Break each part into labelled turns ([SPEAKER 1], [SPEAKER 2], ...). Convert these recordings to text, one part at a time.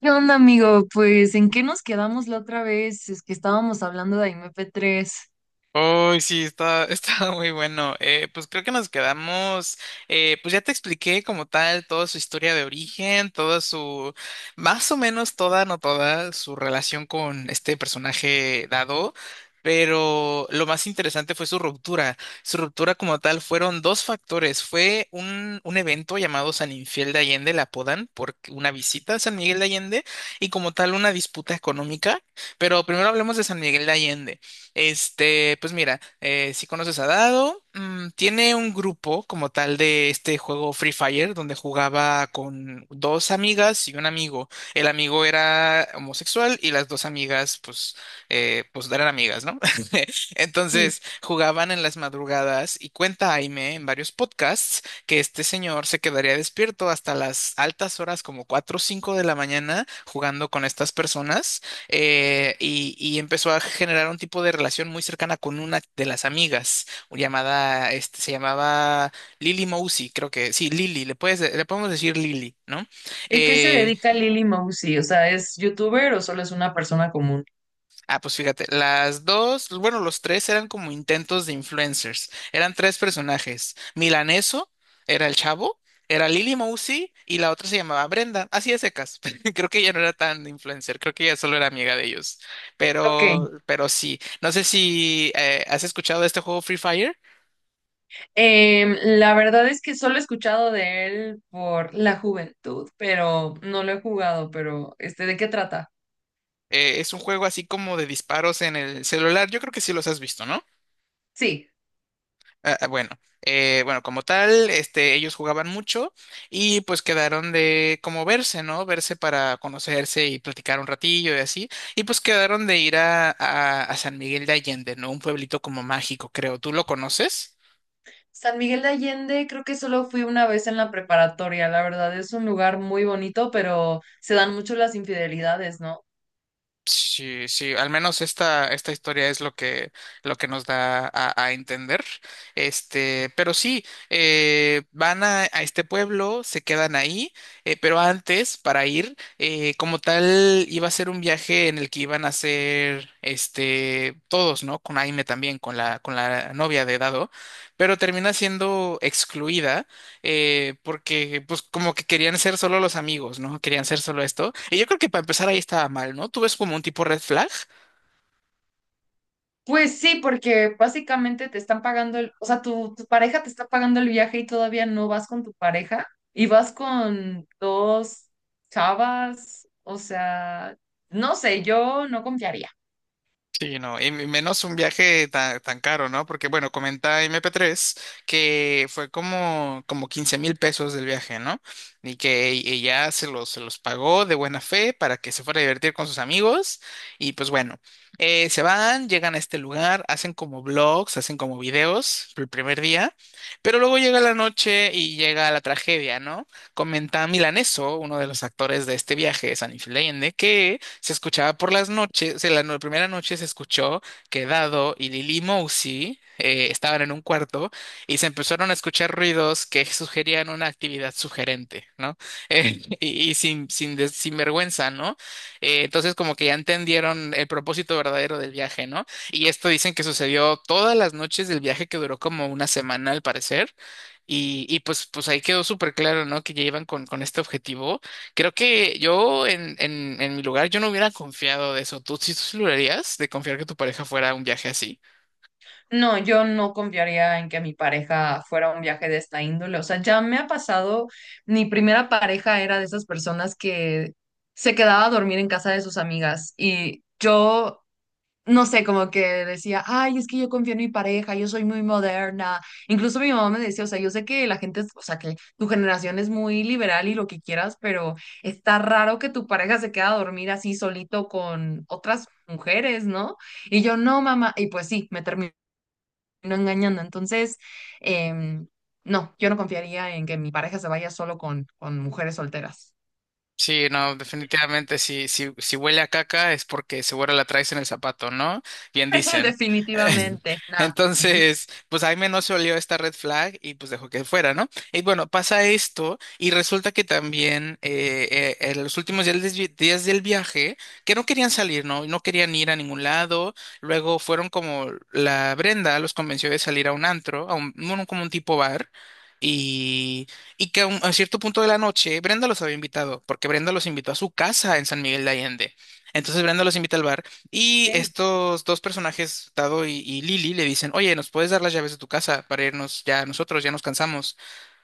[SPEAKER 1] ¿Qué onda, amigo? Pues, ¿en qué nos quedamos la otra vez? Es que estábamos hablando de MP3.
[SPEAKER 2] Uy, sí, está, está muy bueno. Pues creo que nos quedamos, pues ya te expliqué como tal toda su historia de origen, toda su, más o menos toda, no toda, su relación con este personaje dado, pero lo más interesante fue su ruptura. Su ruptura como tal fueron dos factores. Fue un evento llamado San Infiel de Allende, le apodan por una visita a San Miguel de Allende y como tal una disputa económica, pero primero hablemos de San Miguel de Allende. Este, pues mira, si conoces a Dado, tiene un grupo como tal de este juego Free Fire, donde jugaba con dos amigas y un amigo. El amigo era homosexual y las dos amigas, pues, pues eran amigas, ¿no?
[SPEAKER 1] Sí,
[SPEAKER 2] Entonces jugaban en las madrugadas y cuenta Aime en varios podcasts que este señor se quedaría despierto hasta las altas horas, como 4, o 5 de la mañana, jugando con estas personas y empezó a generar un tipo de relación muy cercana con una de las amigas, llamada, este, se llamaba Lily Mousy, creo que, sí, Lily, le puedes, le podemos decir Lily, ¿no?
[SPEAKER 1] ¿y qué se
[SPEAKER 2] Eh,
[SPEAKER 1] dedica Lily Mousy? O sea, ¿es youtuber o solo es una persona común?
[SPEAKER 2] Ah, pues fíjate, las dos, bueno, los tres eran como intentos de influencers. Eran tres personajes. Milaneso era el chavo, era Lily Mousy y la otra se llamaba Brenda. Así de secas. Creo que ella no era tan influencer, creo que ella solo era amiga de ellos.
[SPEAKER 1] Ok,
[SPEAKER 2] Pero sí. No sé si has escuchado de este juego Free Fire.
[SPEAKER 1] la verdad es que solo he escuchado de él por la juventud, pero no lo he jugado, pero este, ¿de qué trata?
[SPEAKER 2] Es un juego así como de disparos en el celular. Yo creo que sí los has visto, ¿no?
[SPEAKER 1] Sí,
[SPEAKER 2] Ah, bueno, bueno, como tal, este, ellos jugaban mucho y pues quedaron de como verse, ¿no? Verse para conocerse y platicar un ratillo y así. Y pues quedaron de ir a San Miguel de Allende, ¿no? Un pueblito como mágico, creo. ¿Tú lo conoces?
[SPEAKER 1] San Miguel de Allende, creo que solo fui una vez en la preparatoria, la verdad es un lugar muy bonito, pero se dan mucho las infidelidades, ¿no?
[SPEAKER 2] Sí, sí, al menos esta historia es lo que nos da a entender. Este, pero sí, van a este pueblo, se quedan ahí, pero antes, para ir, como tal, iba a ser un viaje en el que iban a ser este, todos, ¿no? Con Aime también, con la novia de Dado, pero termina siendo excluida porque pues como que querían ser solo los amigos, ¿no? Querían ser solo esto. Y yo creo que para empezar ahí estaba mal, ¿no? ¿Tú ves como un tipo red flag?
[SPEAKER 1] Pues sí, porque básicamente te están pagando o sea, tu pareja te está pagando el viaje y todavía no vas con tu pareja y vas con dos chavas, o sea, no sé, yo no confiaría.
[SPEAKER 2] Sí, no, y menos un viaje tan, tan caro, ¿no? Porque, bueno, comenta MP3 que fue como 15.000 pesos del viaje, ¿no? Y que ella se los pagó de buena fe para que se fuera a divertir con sus amigos. Y pues bueno, se van, llegan a este lugar, hacen como vlogs, hacen como videos el primer día, pero luego llega la noche y llega la tragedia, ¿no? Comenta Milaneso, uno de los actores de este viaje, San Leyende, se escuchaba por las noches, en la primera noche se escuchó que Dado y Lily Mousy estaban en un cuarto y se empezaron a escuchar ruidos que sugerían una actividad sugerente, ¿no? Y sin vergüenza, ¿no? Entonces como que ya entendieron el propósito verdadero del viaje, ¿no? Y esto dicen que sucedió todas las noches del viaje que duró como una semana al parecer. Y pues, pues ahí quedó súper claro, ¿no? Que ya iban con este objetivo. Creo que yo en mi lugar yo no hubiera confiado de eso. ¿Tú sí lo harías de confiar que tu pareja fuera a un viaje así?
[SPEAKER 1] No, yo no confiaría en que mi pareja fuera a un viaje de esta índole. O sea, ya me ha pasado, mi primera pareja era de esas personas que se quedaba a dormir en casa de sus amigas y yo no sé, como que decía, ay, es que yo confío en mi pareja, yo soy muy moderna. Incluso mi mamá me decía, o sea, yo sé que la gente es, o sea, que tu generación es muy liberal y lo que quieras, pero está raro que tu pareja se quede a dormir así solito con otras mujeres, ¿no? Y yo, no, mamá, y pues sí, me terminó engañando. Entonces, em, no, yo no confiaría en que mi pareja se vaya solo con mujeres solteras.
[SPEAKER 2] Sí, no, definitivamente, si huele a caca es porque seguro la traes en el zapato, ¿no? Bien dicen.
[SPEAKER 1] Definitivamente, nada.
[SPEAKER 2] Entonces, pues Jaime no se olió esta red flag y pues dejó que fuera, ¿no? Y bueno, pasa esto y resulta que también en los últimos días días del viaje, que no querían salir, ¿no? No querían ir a ningún lado. Luego fueron como la Brenda los convenció de salir a un antro, bueno, como un tipo bar. Y que a cierto punto de la noche Brenda los había invitado, porque Brenda los invitó a su casa en San Miguel de Allende. Entonces Brenda los invita al bar
[SPEAKER 1] Ok,
[SPEAKER 2] y estos dos personajes, Tado y Lili, le dicen, oye, ¿nos puedes dar las llaves de tu casa para irnos ya nosotros? Ya nos cansamos.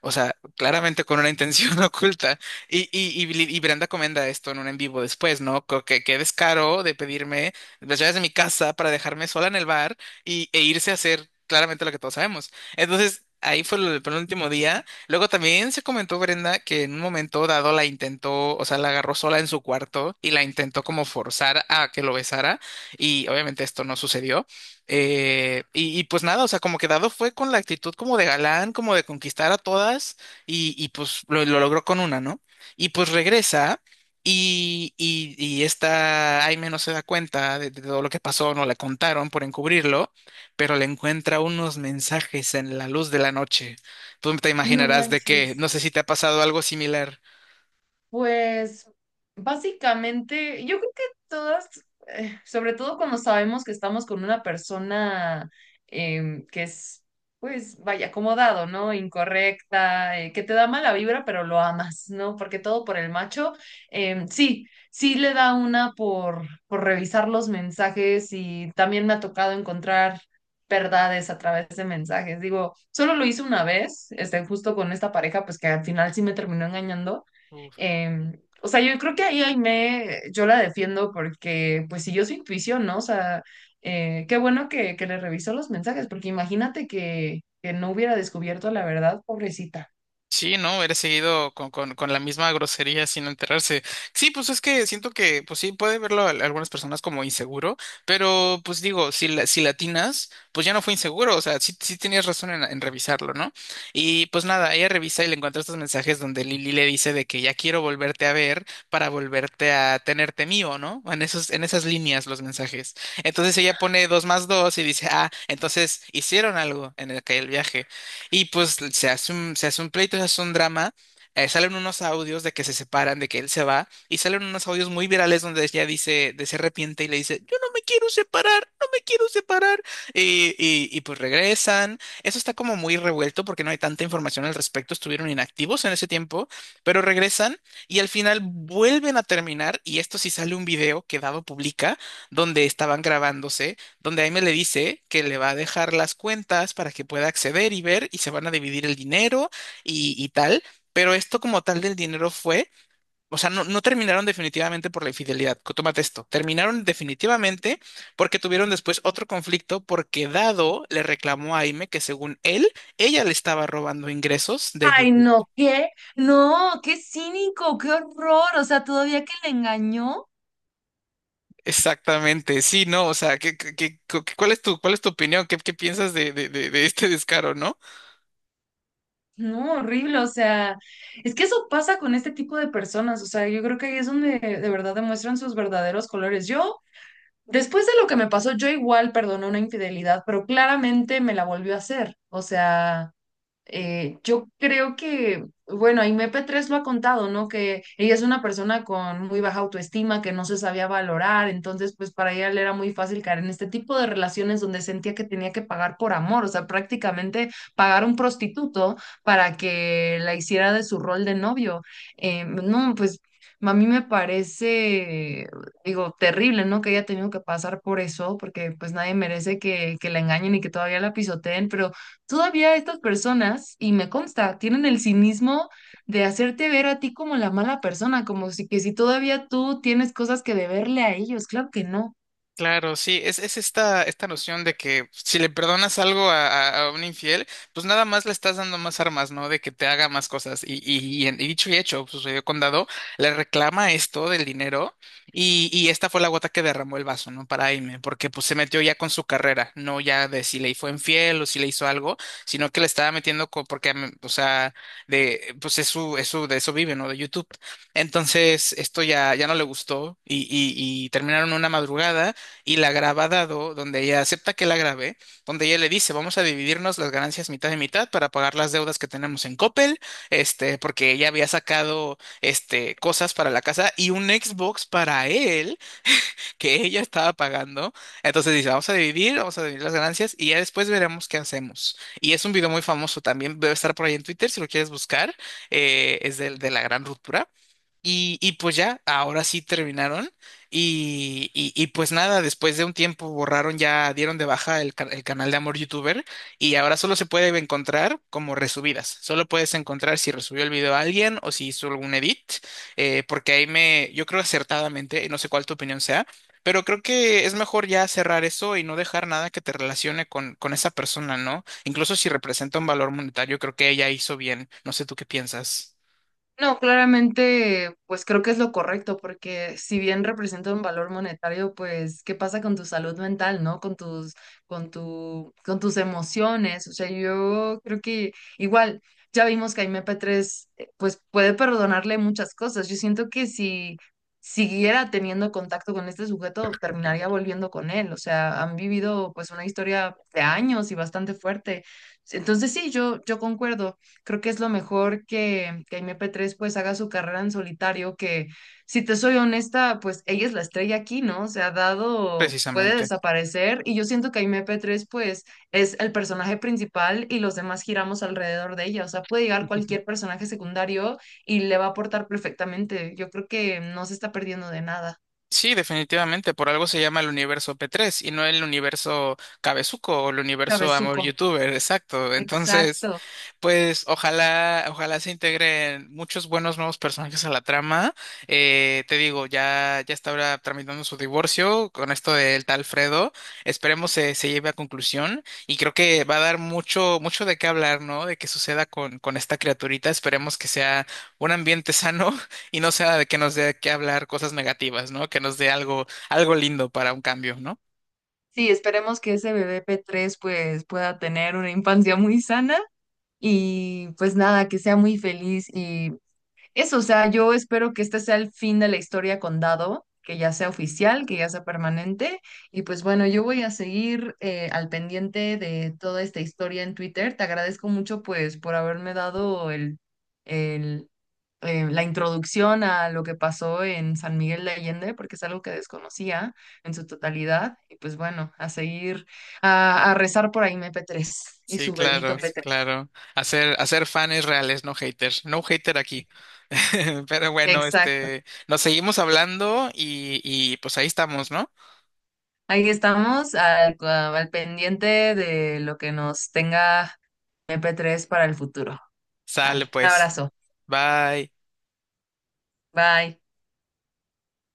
[SPEAKER 2] O sea, claramente con una intención oculta. Y Brenda comenta esto en un en vivo después, ¿no? Que qué descaro de pedirme las llaves de mi casa para dejarme sola en el bar y, e irse a hacer claramente lo que todos sabemos. Entonces, ahí fue lo del penúltimo día. Luego también se comentó Brenda que en un momento dado la intentó, o sea, la agarró sola en su cuarto y la intentó como forzar a que lo besara. Y obviamente esto no sucedió. Y pues nada, o sea, como que Dado fue con la actitud como de galán, como de conquistar a todas, y pues lo logró con una, ¿no? Y pues regresa, y esta Aime no se da cuenta de todo lo que pasó, no le contaron por encubrirlo, pero le encuentra unos mensajes en la luz de la noche. Tú te
[SPEAKER 1] no
[SPEAKER 2] imaginarás de qué
[SPEAKER 1] manches.
[SPEAKER 2] no sé si te ha pasado algo similar.
[SPEAKER 1] Pues básicamente, yo creo que todas, sobre todo cuando sabemos que estamos con una persona que es, pues, vaya, acomodado, ¿no? Incorrecta, que te da mala vibra, pero lo amas, ¿no? Porque todo por el macho, sí, sí le da una por revisar los mensajes y también me ha tocado encontrar verdades a través de mensajes. Digo, solo lo hice una vez, este, justo con esta pareja, pues que al final sí me terminó engañando. O sea, yo creo que ahí Aimee, yo la defiendo porque pues siguió su intuición, ¿no? O sea, qué bueno que le revisó los mensajes, porque imagínate que no hubiera descubierto la verdad, pobrecita.
[SPEAKER 2] Sí, ¿no? Eres seguido con la misma grosería sin enterarse. Sí, pues es que siento que, pues sí, puede verlo a algunas personas como inseguro, pero pues digo, si latinas, pues ya no fue inseguro, o sea, sí, sí tenías razón en revisarlo, ¿no? Y pues nada, ella revisa y le encuentra estos mensajes donde Lili le dice de que ya quiero volverte a ver para volverte a tenerte mío, ¿no? En esas líneas los mensajes. Entonces ella pone dos más dos y dice, ah, entonces hicieron algo en el, que el viaje. Y pues se hace un pleito, se hace un drama. Salen unos audios de que se separan, de que él se va, y salen unos audios muy virales donde ella dice, de se arrepiente y le dice, yo no me quiero separar, no me quiero separar. Y pues regresan. Eso está como muy revuelto porque no hay tanta información al respecto, estuvieron inactivos en ese tiempo, pero regresan y al final vuelven a terminar, y esto sí sale un video que Dado publica, donde estaban grabándose donde Aime le dice que le va a dejar las cuentas para que pueda acceder y ver y se van a dividir el dinero y tal. Pero esto como tal del dinero fue, o sea, no, no terminaron definitivamente por la infidelidad. Tómate esto. Terminaron definitivamente porque tuvieron después otro conflicto porque Dado le reclamó a Aime que según él, ella le estaba robando ingresos de
[SPEAKER 1] Ay,
[SPEAKER 2] YouTube.
[SPEAKER 1] no, ¿qué? No, qué cínico, qué horror. O sea, todavía que le engañó.
[SPEAKER 2] Exactamente, sí, no, o sea, cuál es tu opinión? ¿Qué piensas de este descaro, no?
[SPEAKER 1] No, horrible, o sea, es que eso pasa con este tipo de personas, o sea, yo creo que ahí es donde de verdad demuestran sus verdaderos colores. Yo Después de lo que me pasó, yo igual perdoné una infidelidad, pero claramente me la volvió a hacer. O sea, yo creo que, bueno, y MP3 lo ha contado, ¿no? Que ella es una persona con muy baja autoestima, que no se sabía valorar, entonces pues para ella le era muy fácil caer en este tipo de relaciones donde sentía que tenía que pagar por amor, o sea, prácticamente pagar un prostituto para que la hiciera de su rol de novio. No, pues a mí me parece, digo, terrible, ¿no? Que haya tenido que pasar por eso, porque pues nadie merece que la engañen y que todavía la pisoteen, pero. Todavía estas personas, y me consta, tienen el cinismo de hacerte ver a ti como la mala persona, como si que si todavía tú tienes cosas que deberle a ellos, claro que no.
[SPEAKER 2] Claro, sí, es esta noción de que si le perdonas algo a, a un infiel, pues nada más le estás dando más armas, ¿no? De que te haga más cosas. Y dicho y hecho, sucedió con Dado, le reclama esto del dinero y esta fue la gota que derramó el vaso, ¿no? Para Aime, porque pues se metió ya con su carrera, no ya de si le fue infiel o si le hizo algo, sino que le estaba metiendo porque, o sea, pues de eso vive, ¿no? De YouTube. Entonces, esto ya, ya no le gustó y terminaron una madrugada y la graba dado donde ella acepta que la grabé, donde ella le dice, vamos a dividirnos las ganancias mitad y mitad para pagar las deudas que tenemos en Coppel, este, porque ella había sacado este, cosas para la casa y un Xbox para él que ella estaba pagando. Entonces dice, vamos a dividir las ganancias y ya después veremos qué hacemos. Y es un video muy famoso también, debe estar por ahí en Twitter si lo quieres buscar, es de la gran ruptura. Y pues ya, ahora sí terminaron. Y pues nada, después de un tiempo borraron ya, dieron de baja el canal de Amor YouTuber y ahora solo se puede encontrar como resubidas. Solo puedes encontrar si resubió el video a alguien o si hizo algún edit, porque yo creo acertadamente, y no sé cuál tu opinión sea, pero creo que es mejor ya cerrar eso y no dejar nada que te relacione con esa persona, ¿no? Incluso si representa un valor monetario, creo que ella hizo bien. No sé tú qué piensas,
[SPEAKER 1] No, claramente, pues creo que es lo correcto, porque si bien representa un valor monetario, pues, ¿qué pasa con tu salud mental, no? Con con tus emociones. O sea, yo creo que igual, ya vimos que a MP3, pues, puede perdonarle muchas cosas. Yo siento que si siguiera teniendo contacto con este sujeto, terminaría volviendo con él. O sea, han vivido, pues, una historia de años y bastante fuerte. Entonces, sí, yo concuerdo. Creo que es lo mejor que Aimee P3 pues haga su carrera en solitario, que si te soy honesta, pues ella es la estrella aquí, ¿no? Se ha dado, puede
[SPEAKER 2] precisamente.
[SPEAKER 1] desaparecer y yo siento que Aimee P3 pues es el personaje principal y los demás giramos alrededor de ella, o sea, puede llegar cualquier personaje secundario y le va a aportar perfectamente. Yo creo que no se está perdiendo de nada.
[SPEAKER 2] Sí, definitivamente, por algo se llama el universo P3 y no el universo Cabezuco o el universo Amor
[SPEAKER 1] Cabezuco.
[SPEAKER 2] Youtuber, exacto. Entonces,
[SPEAKER 1] Exacto.
[SPEAKER 2] pues ojalá, ojalá se integren muchos buenos nuevos personajes a la trama. Te digo, ya, ya está ahora tramitando su divorcio con esto del tal Fredo. Esperemos se lleve a conclusión y creo que va a dar mucho, mucho de qué hablar, ¿no? De qué suceda con esta criaturita. Esperemos que sea un ambiente sano y no sea de que nos dé que hablar cosas negativas, ¿no? Que nos dé algo, algo lindo para un cambio, ¿no?
[SPEAKER 1] Sí, esperemos que ese bebé P3 pues pueda tener una infancia muy sana. Y pues nada, que sea muy feliz y eso, o sea, yo espero que este sea el fin de la historia con Dado, que ya sea oficial, que ya sea permanente. Y pues bueno, yo voy a seguir al pendiente de toda esta historia en Twitter. Te agradezco mucho pues por haberme dado el, la introducción a lo que pasó en San Miguel de Allende, porque es algo que desconocía en su totalidad. Y pues bueno, a seguir a rezar por ahí MP3 y
[SPEAKER 2] Sí,
[SPEAKER 1] su bebito
[SPEAKER 2] claro, sí,
[SPEAKER 1] P3.
[SPEAKER 2] claro. Hacer fans reales, no haters. No hater aquí. Pero bueno,
[SPEAKER 1] Exacto.
[SPEAKER 2] este, nos seguimos hablando y pues ahí estamos, ¿no?
[SPEAKER 1] Ahí estamos al pendiente de lo que nos tenga MP3 para el futuro.
[SPEAKER 2] Sale
[SPEAKER 1] Dale, un
[SPEAKER 2] pues.
[SPEAKER 1] abrazo.
[SPEAKER 2] Bye.
[SPEAKER 1] Bye.